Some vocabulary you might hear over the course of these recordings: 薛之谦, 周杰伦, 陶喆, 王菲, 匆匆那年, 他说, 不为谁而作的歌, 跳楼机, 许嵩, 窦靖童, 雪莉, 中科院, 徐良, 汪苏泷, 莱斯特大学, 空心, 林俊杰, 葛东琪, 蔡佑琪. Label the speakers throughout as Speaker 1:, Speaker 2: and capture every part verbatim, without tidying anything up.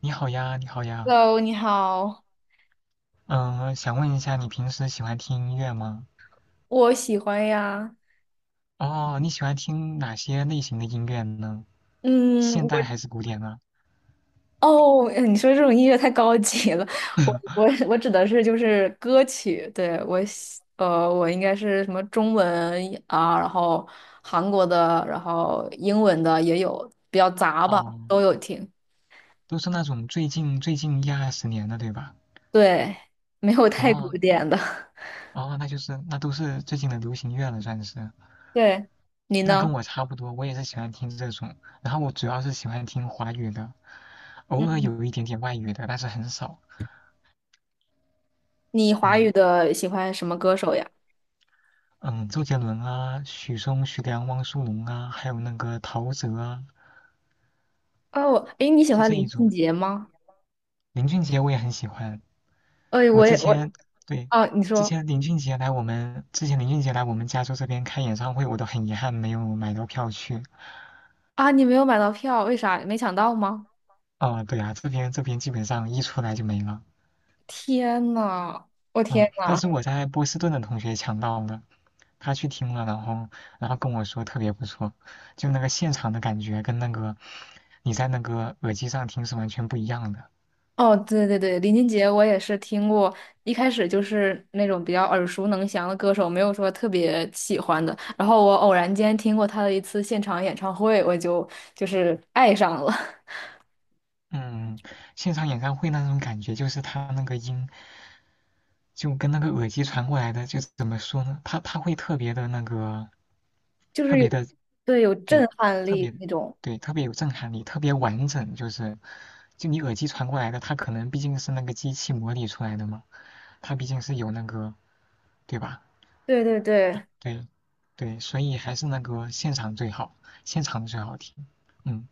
Speaker 1: 你好呀，你好呀。
Speaker 2: Hello，你好，
Speaker 1: 嗯，想问一下，你平时喜欢听音乐吗？
Speaker 2: 我喜欢呀。
Speaker 1: 哦，你喜欢听哪些类型的音乐呢？
Speaker 2: 嗯，
Speaker 1: 现
Speaker 2: 我
Speaker 1: 代还是古典啊？
Speaker 2: 哦，哎你说这种音乐太高级了。我我我指的是就是歌曲，对，我喜呃，我应该是什么中文啊，然后韩国的，然后英文的也有，比较杂吧，
Speaker 1: 哦，
Speaker 2: 都有听。
Speaker 1: 都是那种最近最近一二十年的，对吧？
Speaker 2: 对，没有太古
Speaker 1: 哦
Speaker 2: 典的。
Speaker 1: 哦，那就是那都是最近的流行乐了，算是。
Speaker 2: 对，你
Speaker 1: 那跟
Speaker 2: 呢？
Speaker 1: 我差不多，我也是喜欢听这种，然后我主要是喜欢听华语的，偶尔
Speaker 2: 嗯，
Speaker 1: 有一点点外语的，但是很少。
Speaker 2: 你华语
Speaker 1: 嗯
Speaker 2: 的喜欢什么歌手呀？
Speaker 1: 嗯，周杰伦啊，许嵩、徐良、汪苏泷啊，还有那个陶喆啊，
Speaker 2: 哦，诶，你喜
Speaker 1: 就
Speaker 2: 欢
Speaker 1: 这一
Speaker 2: 林俊
Speaker 1: 种。
Speaker 2: 杰吗？
Speaker 1: 林俊杰我也很喜欢。
Speaker 2: 哎，
Speaker 1: 我
Speaker 2: 我
Speaker 1: 之
Speaker 2: 也我
Speaker 1: 前对。
Speaker 2: 哦，你
Speaker 1: 之
Speaker 2: 说。
Speaker 1: 前林俊杰来我们之前林俊杰来我们加州这边开演唱会，我都很遗憾没有买到票去。
Speaker 2: 啊，你没有买到票，为啥？没抢到吗？
Speaker 1: 哦，对啊，这边这边基本上一出来就没了。
Speaker 2: 天呐，我
Speaker 1: 嗯，
Speaker 2: 天
Speaker 1: 但
Speaker 2: 呐！
Speaker 1: 是我在波士顿的同学抢到了，他去听了，然后然后跟我说特别不错，就那个现场的感觉跟那个你在那个耳机上听是完全不一样的。
Speaker 2: 哦，对对对，林俊杰我也是听过，一开始就是那种比较耳熟能详的歌手，没有说特别喜欢的。然后我偶然间听过他的一次现场演唱会，我就就是爱上了。
Speaker 1: 嗯，现场演唱会那种感觉就是他那个音。就跟那个耳机传过来的，就怎么说呢？它它会特别的那个，
Speaker 2: 就
Speaker 1: 特
Speaker 2: 是
Speaker 1: 别
Speaker 2: 有，
Speaker 1: 的，
Speaker 2: 对，有震
Speaker 1: 对。
Speaker 2: 撼
Speaker 1: 特
Speaker 2: 力
Speaker 1: 别，
Speaker 2: 那种。
Speaker 1: 对。特别有震撼力，特别完整。就是就你耳机传过来的，它可能毕竟是那个机器模拟出来的嘛，它毕竟是有那个，对吧？
Speaker 2: 对对对，
Speaker 1: 对对，所以还是那个现场最好，现场最好听。嗯。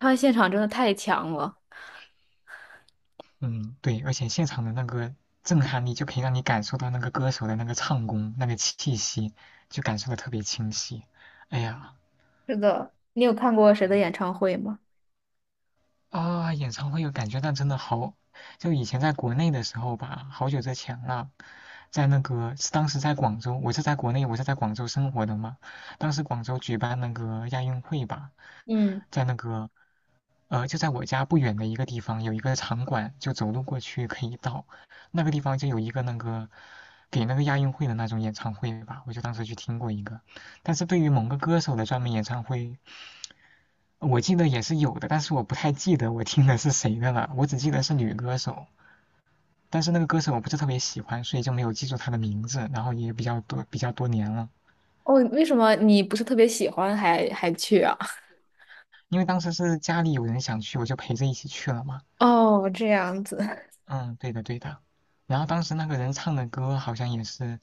Speaker 2: 他现场真的太强了。
Speaker 1: 嗯，对，而且现场的那个震撼力就可以让你感受到那个歌手的那个唱功、那个气息，就感受的特别清晰。哎呀，
Speaker 2: 是的，你有看过谁的
Speaker 1: 嗯，
Speaker 2: 演唱会吗？
Speaker 1: 啊，演唱会有感觉，但真的好，就以前在国内的时候吧，好久之前了，在那个是当时在广州，我是在国内，我是在广州生活的嘛，当时广州举办那个亚运会吧，
Speaker 2: 嗯，
Speaker 1: 在那个呃，就在我家不远的一个地方有一个场馆，就走路过去可以到。那个地方就有一个那个给那个亚运会的那种演唱会吧，我就当时去听过一个。但是对于某个歌手的专门演唱会，我记得也是有的，但是我不太记得我听的是谁的了，我只记得是女歌手。但是那个歌手我不是特别喜欢，所以就没有记住她的名字，然后也比较多比较多年了。
Speaker 2: 哦，为什么你不是特别喜欢还还去啊？
Speaker 1: 因为当时是家里有人想去，我就陪着一起去了嘛。
Speaker 2: 哦，这样子。
Speaker 1: 嗯，对的对的。然后当时那个人唱的歌好像也是。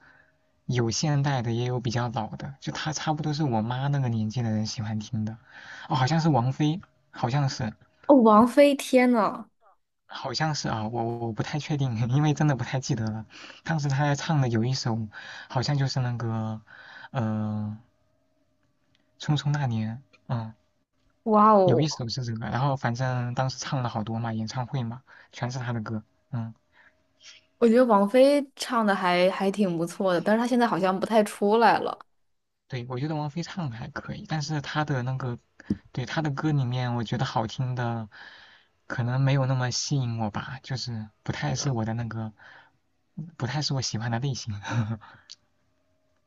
Speaker 1: 有现代的，也有比较老的，就他差不多是我妈那个年纪的人喜欢听的。哦，好像是王菲，好像是，
Speaker 2: 哦，王菲，天呐，
Speaker 1: 好像是啊，我我不太确定，因为真的不太记得了。当时她在唱的有一首，好像就是那个，呃，《匆匆那年》，嗯，
Speaker 2: 哇
Speaker 1: 有
Speaker 2: 哦！
Speaker 1: 一首是这个，然后反正当时唱了好多嘛，演唱会嘛，全是她的歌，嗯。
Speaker 2: 我觉得王菲唱的还还挺不错的，但是她现在好像不太出来了。
Speaker 1: 对，我觉得王菲唱的还可以，但是她的那个，对，她的歌里面，我觉得好听的可能没有那么吸引我吧，就是不太是我的那个，不太是我喜欢的类型。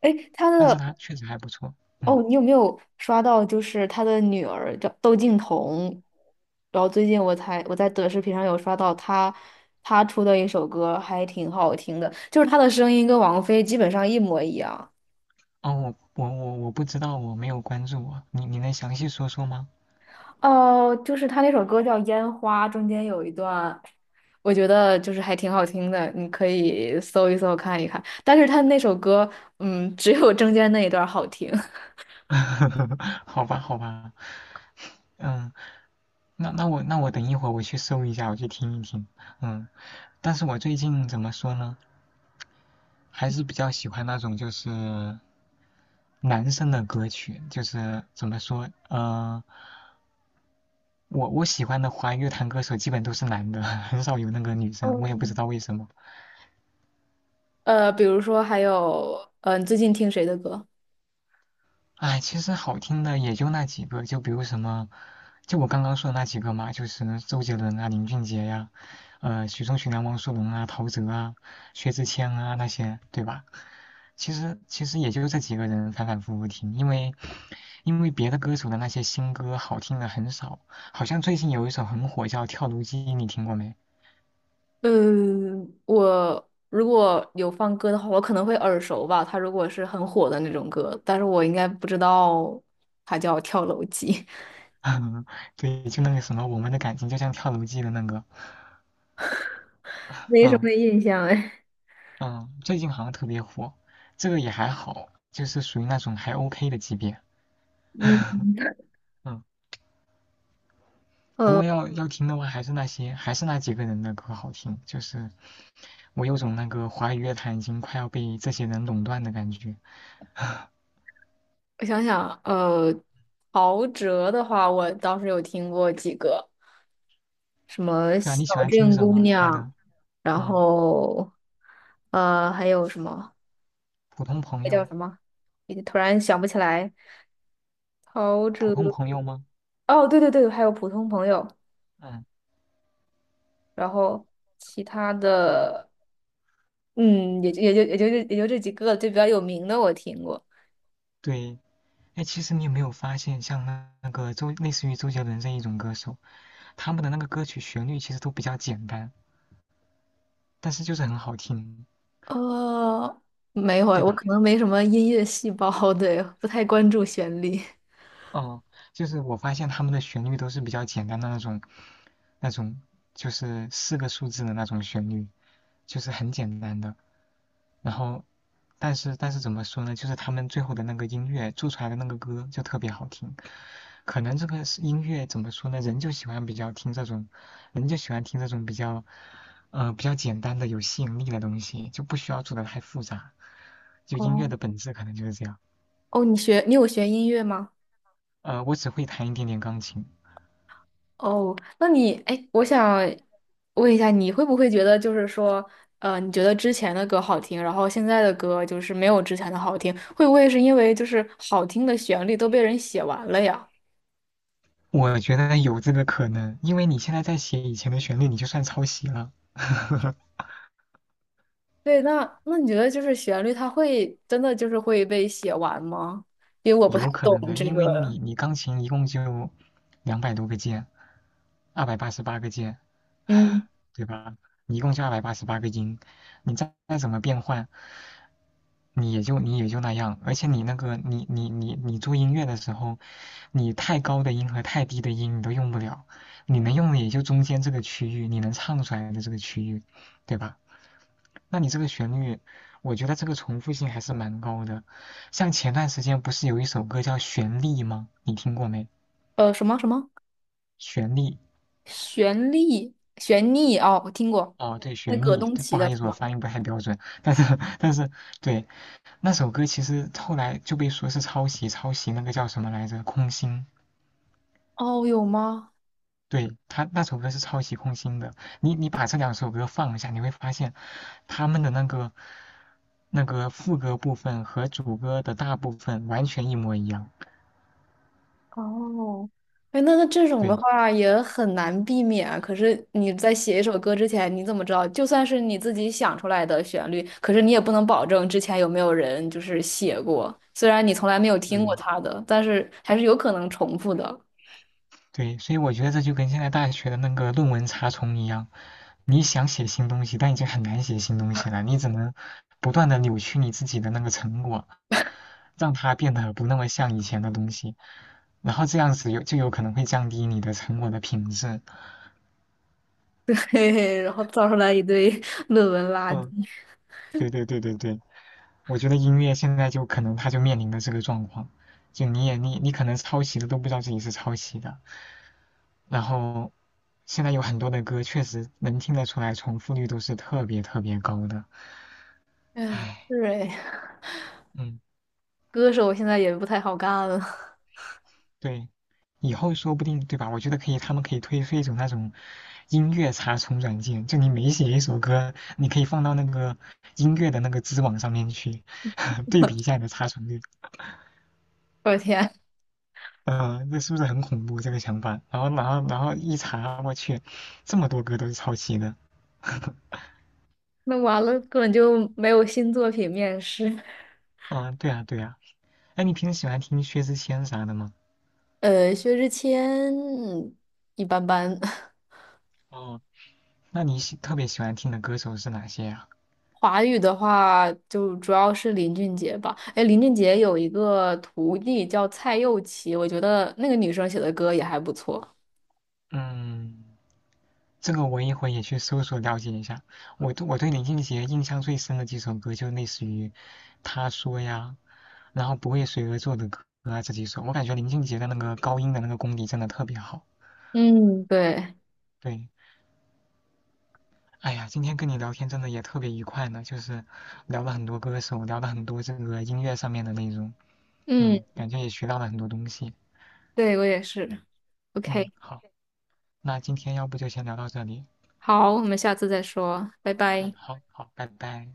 Speaker 2: 哎，她
Speaker 1: 但是
Speaker 2: 的
Speaker 1: 她确实还不错，嗯。
Speaker 2: 哦，你有没有刷到？就是她的女儿叫窦靖童，然后最近我才我在短视频上有刷到她，她出的一首歌还挺好听的，就是她的声音跟王菲基本上一模一样。
Speaker 1: 哦，我我我我不知道，我没有关注我。你你能详细说说吗？
Speaker 2: 哦，就是她那首歌叫《烟花》，中间有一段。我觉得就是还挺好听的，你可以搜一搜看一看。但是他那首歌，嗯，只有中间那一段儿好听。
Speaker 1: 好吧，好吧，嗯，那那我那我等一会儿我去搜一下，我去听一听，嗯。但是我最近怎么说呢，还是比较喜欢那种就是。男生的歌曲，就是怎么说，呃，我我喜欢的华语乐坛歌手基本都是男的，很少有那个女生，我也不知
Speaker 2: 嗯
Speaker 1: 道为什么。
Speaker 2: 呃，比如说还有，嗯、你最近听谁的歌？
Speaker 1: 哎，其实好听的也就那几个，就比如什么，就我刚刚说的那几个嘛，就是周杰伦啊、林俊杰呀、啊呃，许嵩、徐良、汪苏泷啊、陶喆啊、薛之谦啊那些，对吧？其实其实也就这几个人反反复复听，因为因为别的歌手的那些新歌好听的很少，好像最近有一首很火叫《跳楼机》，你听过没？
Speaker 2: 嗯，我如果有放歌的话，我可能会耳熟吧。他如果是很火的那种歌，但是我应该不知道他叫《跳楼机》。
Speaker 1: 嗯，对，就那个什么，我们的感情就像跳楼机的那个，
Speaker 2: 没什
Speaker 1: 嗯
Speaker 2: 么印象哎。
Speaker 1: 嗯，最近好像特别火，这个也还好，就是属于那种还 OK 的级别，
Speaker 2: 嗯，
Speaker 1: 嗯，不
Speaker 2: 呃，
Speaker 1: 过要要听的话，还是那些还是那几个人的歌好听，就是我有种那个华语乐坛已经快要被这些人垄断的感觉。
Speaker 2: 我想想，呃，陶喆的话，我倒是有听过几个。什么
Speaker 1: 对啊，
Speaker 2: 小
Speaker 1: 你喜欢听
Speaker 2: 镇
Speaker 1: 什
Speaker 2: 姑
Speaker 1: 么？他
Speaker 2: 娘，
Speaker 1: 的，
Speaker 2: 然
Speaker 1: 嗯，
Speaker 2: 后呃还有什么
Speaker 1: 普通朋
Speaker 2: 那叫
Speaker 1: 友，
Speaker 2: 什么？也突然想不起来。陶
Speaker 1: 普
Speaker 2: 喆
Speaker 1: 通朋友吗？
Speaker 2: 哦，对对对，还有普通朋友，
Speaker 1: 嗯，
Speaker 2: 然后其他的嗯，也就也就也就这也就这几个就比较有名的我听过。
Speaker 1: 对，哎，其实你有没有发现，像那那个周类似于周杰伦这一种歌手？他们的那个歌曲旋律其实都比较简单，但是就是很好听，
Speaker 2: 呃，没有，
Speaker 1: 对
Speaker 2: 我
Speaker 1: 吧？
Speaker 2: 可能没什么音乐细胞，对，不太关注旋律。
Speaker 1: 哦，就是我发现他们的旋律都是比较简单的那种，那种就是四个数字的那种旋律，就是很简单的。然后，但是但是怎么说呢？就是他们最后的那个音乐做出来的那个歌就特别好听。可能这个是音乐怎么说呢？人就喜欢比较听这种，人就喜欢听这种比较，呃，比较简单的有吸引力的东西，就不需要做的太复杂。就音
Speaker 2: 哦
Speaker 1: 乐的本质可能就是这样。
Speaker 2: 哦，你学你有学音乐吗？
Speaker 1: 呃，我只会弹一点点钢琴，
Speaker 2: 哦，那你，哎，我想问一下，你会不会觉得就是说，呃，你觉得之前的歌好听，然后现在的歌就是没有之前的好听，会不会是因为就是好听的旋律都被人写完了呀？
Speaker 1: 我觉得有这个可能，因为你现在在写以前的旋律，你就算抄袭了，
Speaker 2: 对，那那你觉得就是旋律它会真的就是会被写完吗？因为我不太
Speaker 1: 有可能
Speaker 2: 懂
Speaker 1: 的，
Speaker 2: 这
Speaker 1: 因为
Speaker 2: 个，
Speaker 1: 你你钢琴一共就两百多个键。二百八十八个键，
Speaker 2: 嗯，
Speaker 1: 对吧？你一共就二百八十八个音，你再再怎么变换，你也就你也就那样。而且你那个你你你你做音乐的时候，你太高的音和太低的音你都用不了，你能用的也就中间这个区域，你能唱出来的这个区域，对吧？那你这个旋律，我觉得这个重复性还是蛮高的。像前段时间不是有一首歌叫《旋律》吗？你听过没？
Speaker 2: 呃，什么什么
Speaker 1: 旋律。
Speaker 2: 旋律旋律哦，我听过，
Speaker 1: 哦，对，雪
Speaker 2: 那葛
Speaker 1: 莉，
Speaker 2: 东
Speaker 1: 对，
Speaker 2: 琪
Speaker 1: 不好
Speaker 2: 的
Speaker 1: 意
Speaker 2: 是
Speaker 1: 思，我
Speaker 2: 吗？
Speaker 1: 发音不太标准，但是，但是，对，那首歌其实后来就被说是抄袭，抄袭那个叫什么来着，空心，
Speaker 2: 哦，有吗？
Speaker 1: 对，他那首歌是抄袭空心的。你你把这两首歌放一下，你会发现他们的那个那个副歌部分和主歌的大部分完全一模一样。
Speaker 2: 哦，哎，那那这种的
Speaker 1: 对，
Speaker 2: 话也很难避免啊可是你在写一首歌之前，你怎么知道？就算是你自己想出来的旋律，可是你也不能保证之前有没有人就是写过。虽然你从来没有听
Speaker 1: 对，
Speaker 2: 过他的，但是还是有可能重复的。
Speaker 1: 对，所以我觉得这就跟现在大学的那个论文查重一样，你想写新东西，但已经很难写新东西了。你只能不断的扭曲你自己的那个成果，让它变得不那么像以前的东西，然后这样子有就有可能会降低你的成果的品质。
Speaker 2: 嘿嘿，然后造出来一堆 论文垃
Speaker 1: 嗯，
Speaker 2: 圾。
Speaker 1: 对对对对对，我觉得音乐现在就可能它就面临的这个状况，就你也你你可能抄袭的都不知道自己是抄袭的，然后现在有很多的歌确实能听得出来重复率都是特别特别高的，
Speaker 2: 哎，
Speaker 1: 唉，
Speaker 2: 是哎，
Speaker 1: 嗯。
Speaker 2: 歌手现在也不太好干了。
Speaker 1: 对，以后说不定，对吧？我觉得可以，他们可以推出一种那种音乐查重软件，就你每写一首歌，你可以放到那个音乐的那个知网上面去，对比一下你的查重率。
Speaker 2: 我的天，
Speaker 1: 嗯、这是不是很恐怖这个想法？然后，然后，然后一查，我去，这么多歌都是抄袭的。
Speaker 2: 那完了，根本就没有新作品面世。
Speaker 1: 嗯、对啊，对啊。哎，你平时喜欢听薛之谦啥的吗？
Speaker 2: 呃，薛之谦嗯一般般。
Speaker 1: 哦，那你喜特别喜欢听的歌手是哪些呀、
Speaker 2: 华语的话，就主要是林俊杰吧。哎，林俊杰有一个徒弟叫蔡佑琪，我觉得那个女生写的歌也还不错。
Speaker 1: 嗯。这个我一会也去搜索了解一下。我对我对林俊杰印象最深的几首歌，就类似于《他说》呀，然后《不为谁而作的歌》啊这几首。我感觉林俊杰的那个高音的那个功底真的特别好。
Speaker 2: 嗯，对，
Speaker 1: 对，哎呀，今天跟你聊天真的也特别愉快呢，就是聊了很多歌手，聊了很多这个音乐上面的内容。
Speaker 2: 嗯，
Speaker 1: 嗯，感觉也学到了很多东西。
Speaker 2: 对，我也是。
Speaker 1: 嗯，
Speaker 2: OK,
Speaker 1: 好，那今天要不就先聊到这里。
Speaker 2: 好，我们下次再说，拜
Speaker 1: 嗯，
Speaker 2: 拜。
Speaker 1: 好好，拜拜。